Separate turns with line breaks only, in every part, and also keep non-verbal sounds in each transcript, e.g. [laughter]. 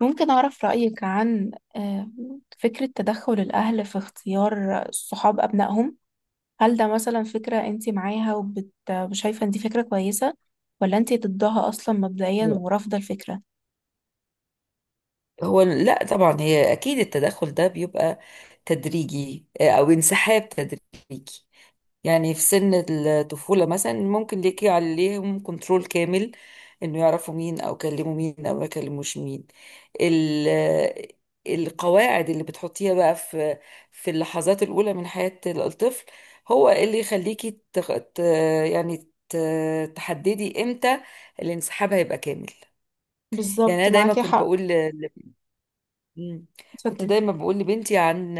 ممكن أعرف رأيك عن آه، فكرة تدخل الأهل في اختيار صحاب أبنائهم. هل ده مثلا فكرة أنت معاها وشايفة أن دي فكرة كويسة، ولا أنت ضدها أصلا مبدئيا ورافضة الفكرة؟
هو لا طبعا، هي اكيد التدخل ده بيبقى تدريجي، او انسحاب تدريجي. يعني في سن الطفولة مثلا ممكن ليكي عليهم كنترول كامل، انه يعرفوا مين او يكلموا مين او ما يكلموش مين. ال القواعد اللي بتحطيها بقى في اللحظات الأولى من حياة الطفل هو اللي يخليكي يعني تحددي امتى الانسحاب هيبقى كامل. يعني
بالظبط،
انا دايما
معاكي
كنت
حق.
بقول ل- مم. كنت
اتفضلي.
دايما بقول لبنتي، عن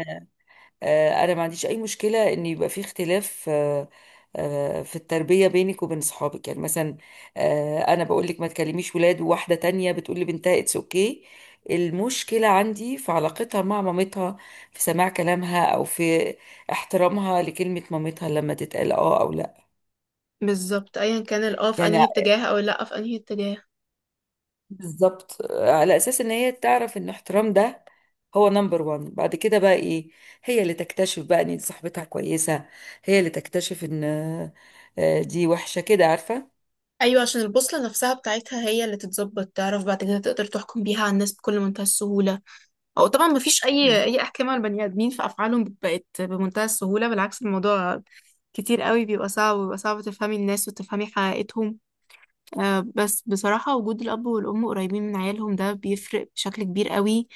آه، انا ما عنديش اي مشكله ان يبقى في اختلاف في التربيه بينك وبين صحابك، يعني مثلا انا بقول لك ما تكلميش ولاد، وواحده تانية بتقول لي بنتها اتس اوكي. المشكله عندي في علاقتها مع مامتها، في سماع كلامها او في احترامها لكلمه مامتها لما تتقال اه او لا.
بالظبط، ايا كان الاه في
يعني
انهي اتجاه او اللا في انهي اتجاه.
بالظبط، على اساس ان هي تعرف ان احترام ده هو نمبر وان. بعد كده بقى ايه؟ هي اللي تكتشف بقى ان دي صاحبتها كويسة، هي اللي تكتشف ان دي وحشة كده، عارفة.
ايوه، عشان البوصله نفسها بتاعتها هي اللي تتظبط، تعرف بعد كده تقدر تحكم بيها على الناس بكل منتهى السهوله. او طبعا ما فيش اي
مم.
اي احكام على البني ادمين في افعالهم، بقت بمنتهى السهوله، بالعكس الموضوع كتير قوي بيبقى صعب، وبيبقى صعب تفهمي الناس وتفهمي حقيقتهم. بس بصراحه وجود الاب والام قريبين من عيالهم ده بيفرق بشكل كبير قوي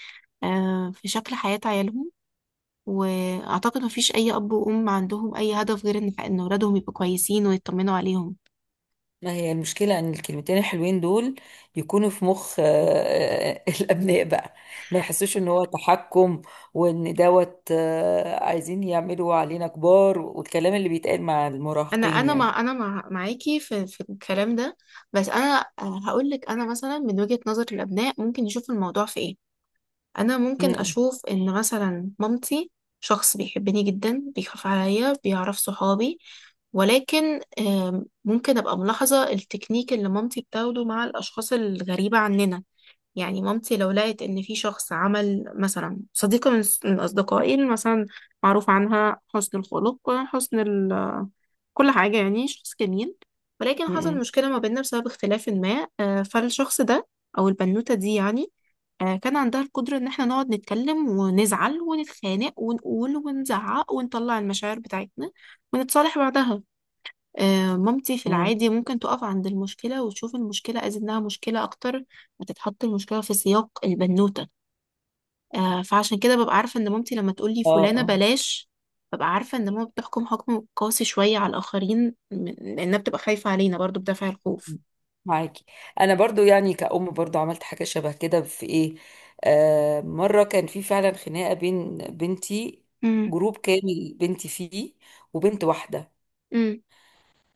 في شكل حياه عيالهم. واعتقد ما فيش اي اب وام عندهم اي هدف غير ان اولادهم يبقوا كويسين ويطمنوا عليهم.
ما هي المشكلة ان الكلمتين الحلوين دول يكونوا في مخ [laughs] الابناء بقى، ما يحسوش ان هو تحكم، وان دوت عايزين يعملوا علينا كبار، والكلام اللي بيتقال مع
انا
المراهقين
انا
يعني.
مع انا مع معاكي في الكلام ده. بس انا هقول لك انا مثلا من وجهه نظر الابناء ممكن يشوف الموضوع في ايه. انا ممكن
مم.
اشوف ان مثلا مامتي شخص بيحبني جدا، بيخاف عليا، بيعرف صحابي. ولكن ممكن ابقى ملاحظة التكنيك اللي مامتي بتاخده مع الاشخاص الغريبة عننا. يعني مامتي لو لقت ان في شخص عمل مثلا صديقة من اصدقائي مثلا، معروف عنها حسن الخلق، حسن ال كل حاجة، يعني شخص جميل. ولكن حصل
مم.
مشكلة ما بيننا بسبب اختلاف ما، فالشخص ده أو البنوتة دي يعني، كان عندها القدرة إن احنا نقعد نتكلم ونزعل ونتخانق ونقول ونزعق ونطلع المشاعر بتاعتنا ونتصالح بعدها. مامتي في
مم.
العادي ممكن تقف عند المشكلة وتشوف المشكلة أز إنها مشكلة أكتر، ما تتحط المشكلة في سياق البنوتة. فعشان كده ببقى عارفة ان مامتي لما تقولي
اه.
فلانة
آه.
بلاش، ببقى عارفة ان ماما بتحكم حكم قاسي شوية على الآخرين، لأنها بتبقى خايفة علينا برضو بدافع الخوف.
معاكي. انا برضو يعني كأم، برضو عملت حاجة شبه كده في ايه. مرة كان في فعلا خناقة بين بنتي،
امم.
جروب كامل بنتي فيه وبنت واحدة،
امم.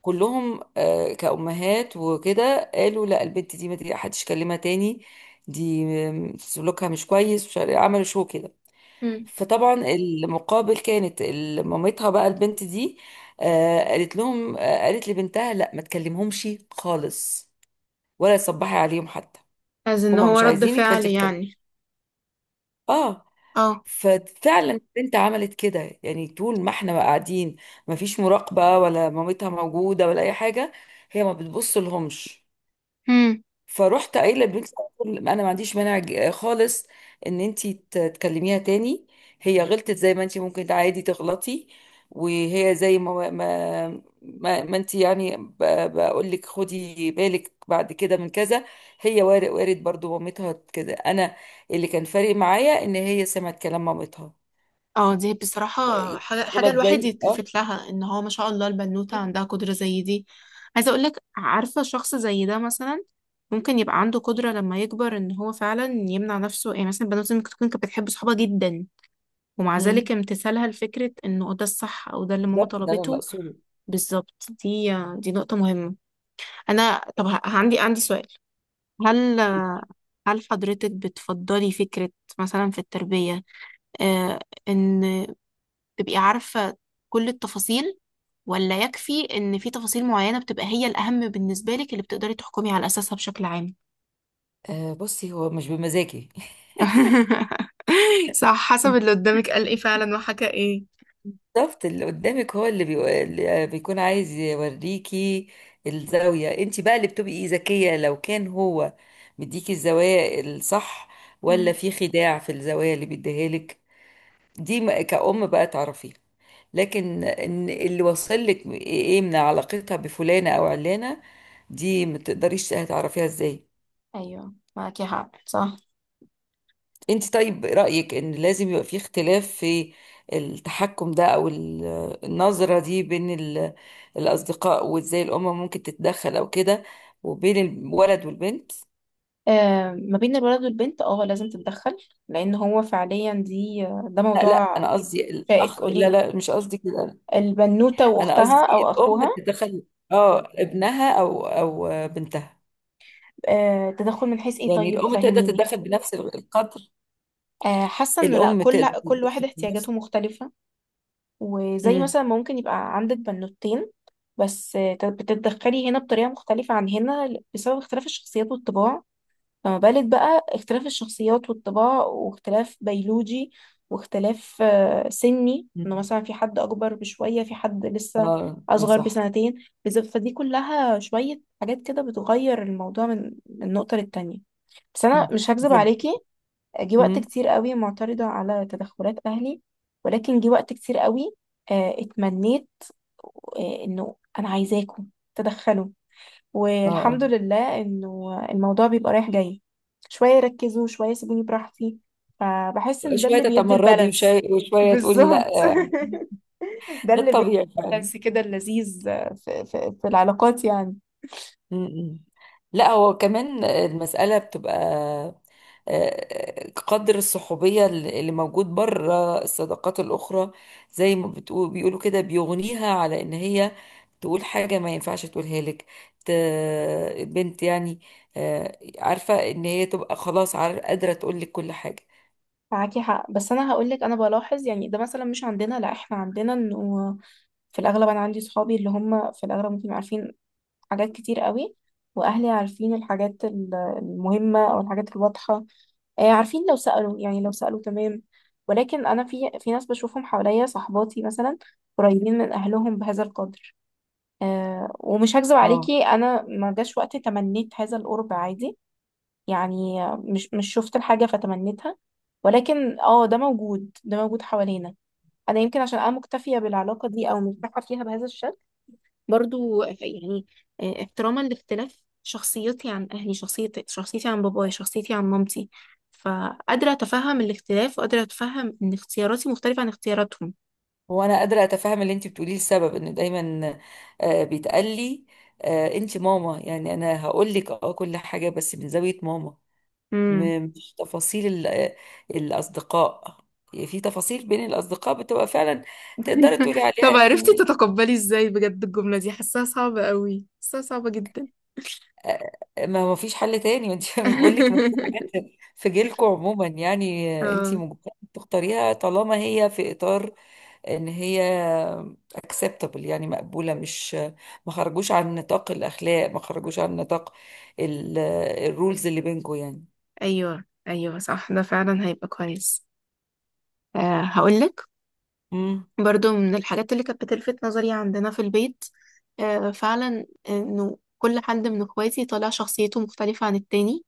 كلهم كأمهات وكده قالوا لا، البنت دي ما، دي حدش يكلمها تاني. دي سلوكها مش كويس، مش عارف- إيه، عملوا شو كده.
امم.
فطبعا المقابل كانت مامتها بقى البنت دي، قالت لهم، قالت لبنتها لا ما تكلمهمش خالص، ولا تصبحي عليهم حتى.
از ان
هما
هو
مش
رد
عايزينك،
فعل
فانت بتكلمي؟
يعني.
اه.
اه.
ففعلا البنت عملت كده، يعني طول ما احنا بقى قاعدين ما فيش مراقبة ولا مامتها موجودة ولا اي حاجة، هي ما بتبص لهمش.
امم.
فروحت قايله لبنتي على طول، انا ما عنديش مانع خالص ان انت تكلميها تاني. هي غلطت زي ما انت ممكن عادي تغلطي، وهي زي ما انت يعني بقول لك خدي بالك بعد كده من كذا. هي وارد برضو مامتها كده، انا اللي كان فارق معايا ان هي سمعت كلام مامتها.
اه دي بصراحة
إيه،
حاجة
تغلط
الواحد
زي اه.
يتلفت لها ان هو ما شاء الله البنوتة عندها قدرة زي دي. عايزة اقولك، عارفة شخص زي ده مثلا ممكن يبقى عنده قدرة لما يكبر ان هو فعلا يمنع نفسه، يعني مثلا البنوتة ممكن تكون كانت بتحب صحابها جدا، ومع ذلك
مم.
امتثالها لفكرة انه ده الصح او ده اللي ماما
بالظبط، ده انا اللي
طلبته.
اقصده.
بالظبط دي نقطة مهمة. انا طب عندي سؤال. هل هل حضرتك بتفضلي فكرة مثلا في التربية، آه ان تبقي عارفة كل التفاصيل، ولا يكفي ان في تفاصيل معينة بتبقى هي الاهم بالنسبة لك اللي بتقدري تحكمي على اساسها بشكل عام؟
آه، بصي هو مش بمزاجي.
[laughs] صح، حسب
[laughs]
اللي قدامك قال ايه فعلا وحكى ايه.
بالظبط، اللي قدامك هو اللي بيكون عايز يوريكي الزاوية. انت بقى اللي بتبقي إيه، ذكية لو كان هو مديكي الزوايا الصح، ولا
مم.
في خداع في الزوايا اللي بيديها لك. دي كأم بقى تعرفيها. لكن ان اللي وصل لك ايه من علاقتها بفلانة او علانة، دي ما تقدريش هتعرفيها ازاي.
ايوه معاكي حق، صح.
انت، طيب رأيك ان لازم يبقى في اختلاف في التحكم ده او النظرة دي بين الأصدقاء، وازاي الأم ممكن تتدخل او كده، وبين الولد والبنت؟
ما بين الولد والبنت اه لازم تتدخل. لان هو فعليا دي، ده
لا، لا،
موضوع
انا قصدي
شائك.
الاخ.
قولي
لا،
لي،
لا، مش قصدي كده.
البنوته
انا
واختها
قصدي
او
الأم
اخوها.
تتدخل، اه، ابنها او بنتها.
تدخل من حيث ايه؟
يعني
طيب
الأم تقدر
فهميني.
تتدخل بنفس القدر.
حاسه انه لا،
الأم
كل
تقدر
كل واحد
تتدخل
احتياجاته
بنفس.
مختلفه. وزي
امم.
مثلا ممكن يبقى عندك بنوتين، بس بتتدخلي هنا بطريقه مختلفه عن هنا بسبب اختلاف الشخصيات والطباع. فما بالك بقى اختلاف الشخصيات والطباع، واختلاف بيولوجي، واختلاف سني، انه مثلا في حد اكبر بشوية، في حد لسه
اه، ما
اصغر
صح.
بسنتين، فدي كلها شوية حاجات كده بتغير الموضوع من نقطة للتانية. بس انا
امم.
مش هكذب عليكي، جه وقت
امم.
كتير قوي معترضة على تدخلات اهلي، ولكن جه وقت كتير قوي اتمنيت انه انا عايزاكم تدخلوا.
اه. آه.
والحمد لله انه الموضوع بيبقى رايح جاي، شوية يركزوا شوية يسيبوني براحتي، فبحس ان ده
شوية
اللي بيدي
تتمردي،
البالانس.
وشوية تقولي
بالظبط.
لا
[laughs] ده
ده
اللي بيدي
الطبيعي فعلا.
البالانس كده اللذيذ في العلاقات يعني.
م- م. لا، هو كمان المسألة بتبقى قدر الصحوبية اللي موجود بره الصداقات الأخرى. زي ما بتقول بيقولوا كده، بيغنيها على إن هي تقول حاجة ما ينفعش تقولها لك. ت- البنت يعني عارفة إن هي تبقى خلاص، قادرة تقول لك كل حاجة.
معاكي حق، بس انا هقول لك انا بلاحظ، يعني ده مثلا مش عندنا، لا احنا عندنا انه في الاغلب انا عندي صحابي اللي هم في الاغلب ممكن يبقوا عارفين حاجات كتير قوي، واهلي عارفين الحاجات المهمه او الحاجات الواضحه، عارفين لو سالوا، يعني لو سالوا تمام. ولكن انا في ناس بشوفهم حواليا، صحباتي مثلا قريبين من اهلهم بهذا القدر، ومش هكذب
اه.
عليكي، انا ما جاش وقت تمنيت هذا القرب عادي، يعني مش شفت الحاجه فتمنيتها، ولكن اه ده موجود، ده موجود حوالينا. انا يمكن عشان انا مكتفيه بالعلاقه دي او مرتاحه فيها بهذا الشكل برضو يعني، احتراما لاختلاف شخصيتي عن أهلي، شخصيتي عن بابايا، شخصيتي عن مامتي، فقادرة أتفهم الاختلاف وقادرة أتفهم إن اختياراتي مختلفة عن اختياراتهم.
هو انا قادره اتفهم اللي انت بتقوليه، السبب ان دايما بيتقال لي انت ماما، يعني انا هقول لك اه كل حاجه بس من زاويه ماما.
مم.
مش تفاصيل الاصدقاء. في تفاصيل بين الاصدقاء بتبقى فعلا تقدري تقولي
[laughs]
عليها
طب عرفتي
يعني
تتقبلي إزاي؟ بجد الجملة دي حاساها صعبة قوي، حاساها صعبة جدا.
آه، ما فيش حل تاني. انت [laughs] بقول لك، ما في حاجات
[laughs]
في جيلكم عموما يعني، انت
اه.
مجبره تختاريها طالما هي في اطار ان هي acceptable يعني مقبولة، مش ما خرجوش عن نطاق الأخلاق، ما خرجوش عن نطاق الرولز اللي بينكم يعني.
ايوه ايوه صح، ده فعلا هيبقى كويس. أه هقولك،
امم.
برضو من الحاجات اللي كانت بتلفت نظري عندنا في البيت، فعلا انه كل حد من اخواتي طالع شخصيته مختلفة عن التاني،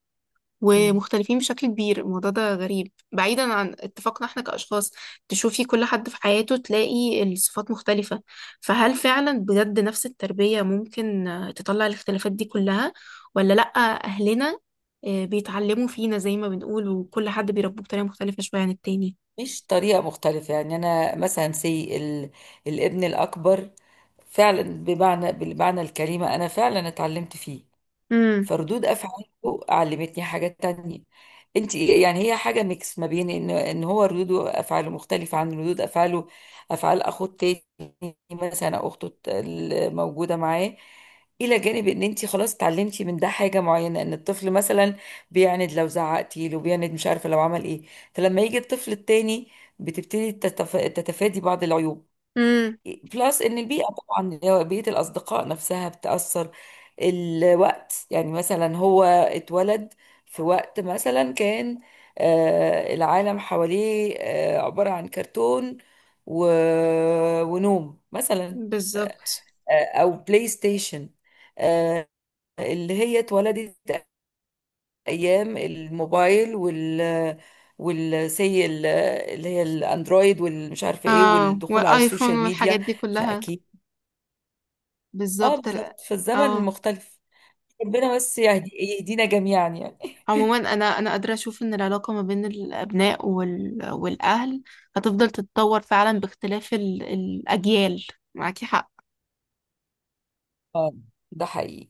امم.
ومختلفين بشكل كبير، الموضوع ده غريب بعيدا عن اتفاقنا احنا كأشخاص. تشوفي كل حد في حياته تلاقي الصفات مختلفة، فهل فعلا بجد نفس التربية ممكن تطلع الاختلافات دي كلها، ولا لأ؟ أهلنا بيتعلموا فينا زي ما بنقول، وكل حد بيربوه بطريقة مختلفة شوية عن التاني.
مش طريقة مختلفة، يعني أنا مثلا الابن الأكبر فعلا، بالمعنى الكلمة أنا فعلا اتعلمت فيه.
امم.
فردود افعاله علمتني حاجة تانية. انت يعني هي حاجة ميكس ما بين ان هو ردود افعاله مختلفة عن ردود افعاله افعال اخوه التاني مثلا، او اخته الموجودة معاه. الى جانب ان انت خلاص اتعلمتي من ده حاجه معينه، ان الطفل مثلا بيعند لو زعقتي له، بيعند، مش عارفه لو عمل ايه. فلما يجي الطفل التاني، بتبتدي تتفادي بعض العيوب.
امم.
بلس ان البيئه طبعا، اللي هو بيئه الاصدقاء نفسها، بتاثر. الوقت يعني، مثلا هو اتولد في وقت مثلا كان العالم حواليه عباره عن كرتون و... ونوم مثلا،
بالظبط.
او بلاي ستيشن. آه، اللي هي اتولدت ايام الموبايل والسي اللي هي الاندرويد، والمش عارفه ايه،
اه
والدخول على
والايفون
السوشيال
والحاجات
ميديا.
دي كلها.
فاكيد. اه،
بالظبط
بالظبط، في الزمن
اه.
المختلف. ربنا بس يهدينا جميعا يعني.
عموما انا قادره اشوف ان العلاقه ما بين الابناء والاهل هتفضل تتطور فعلا باختلاف الاجيال، معاكي حق.
اه، ده حقيقي.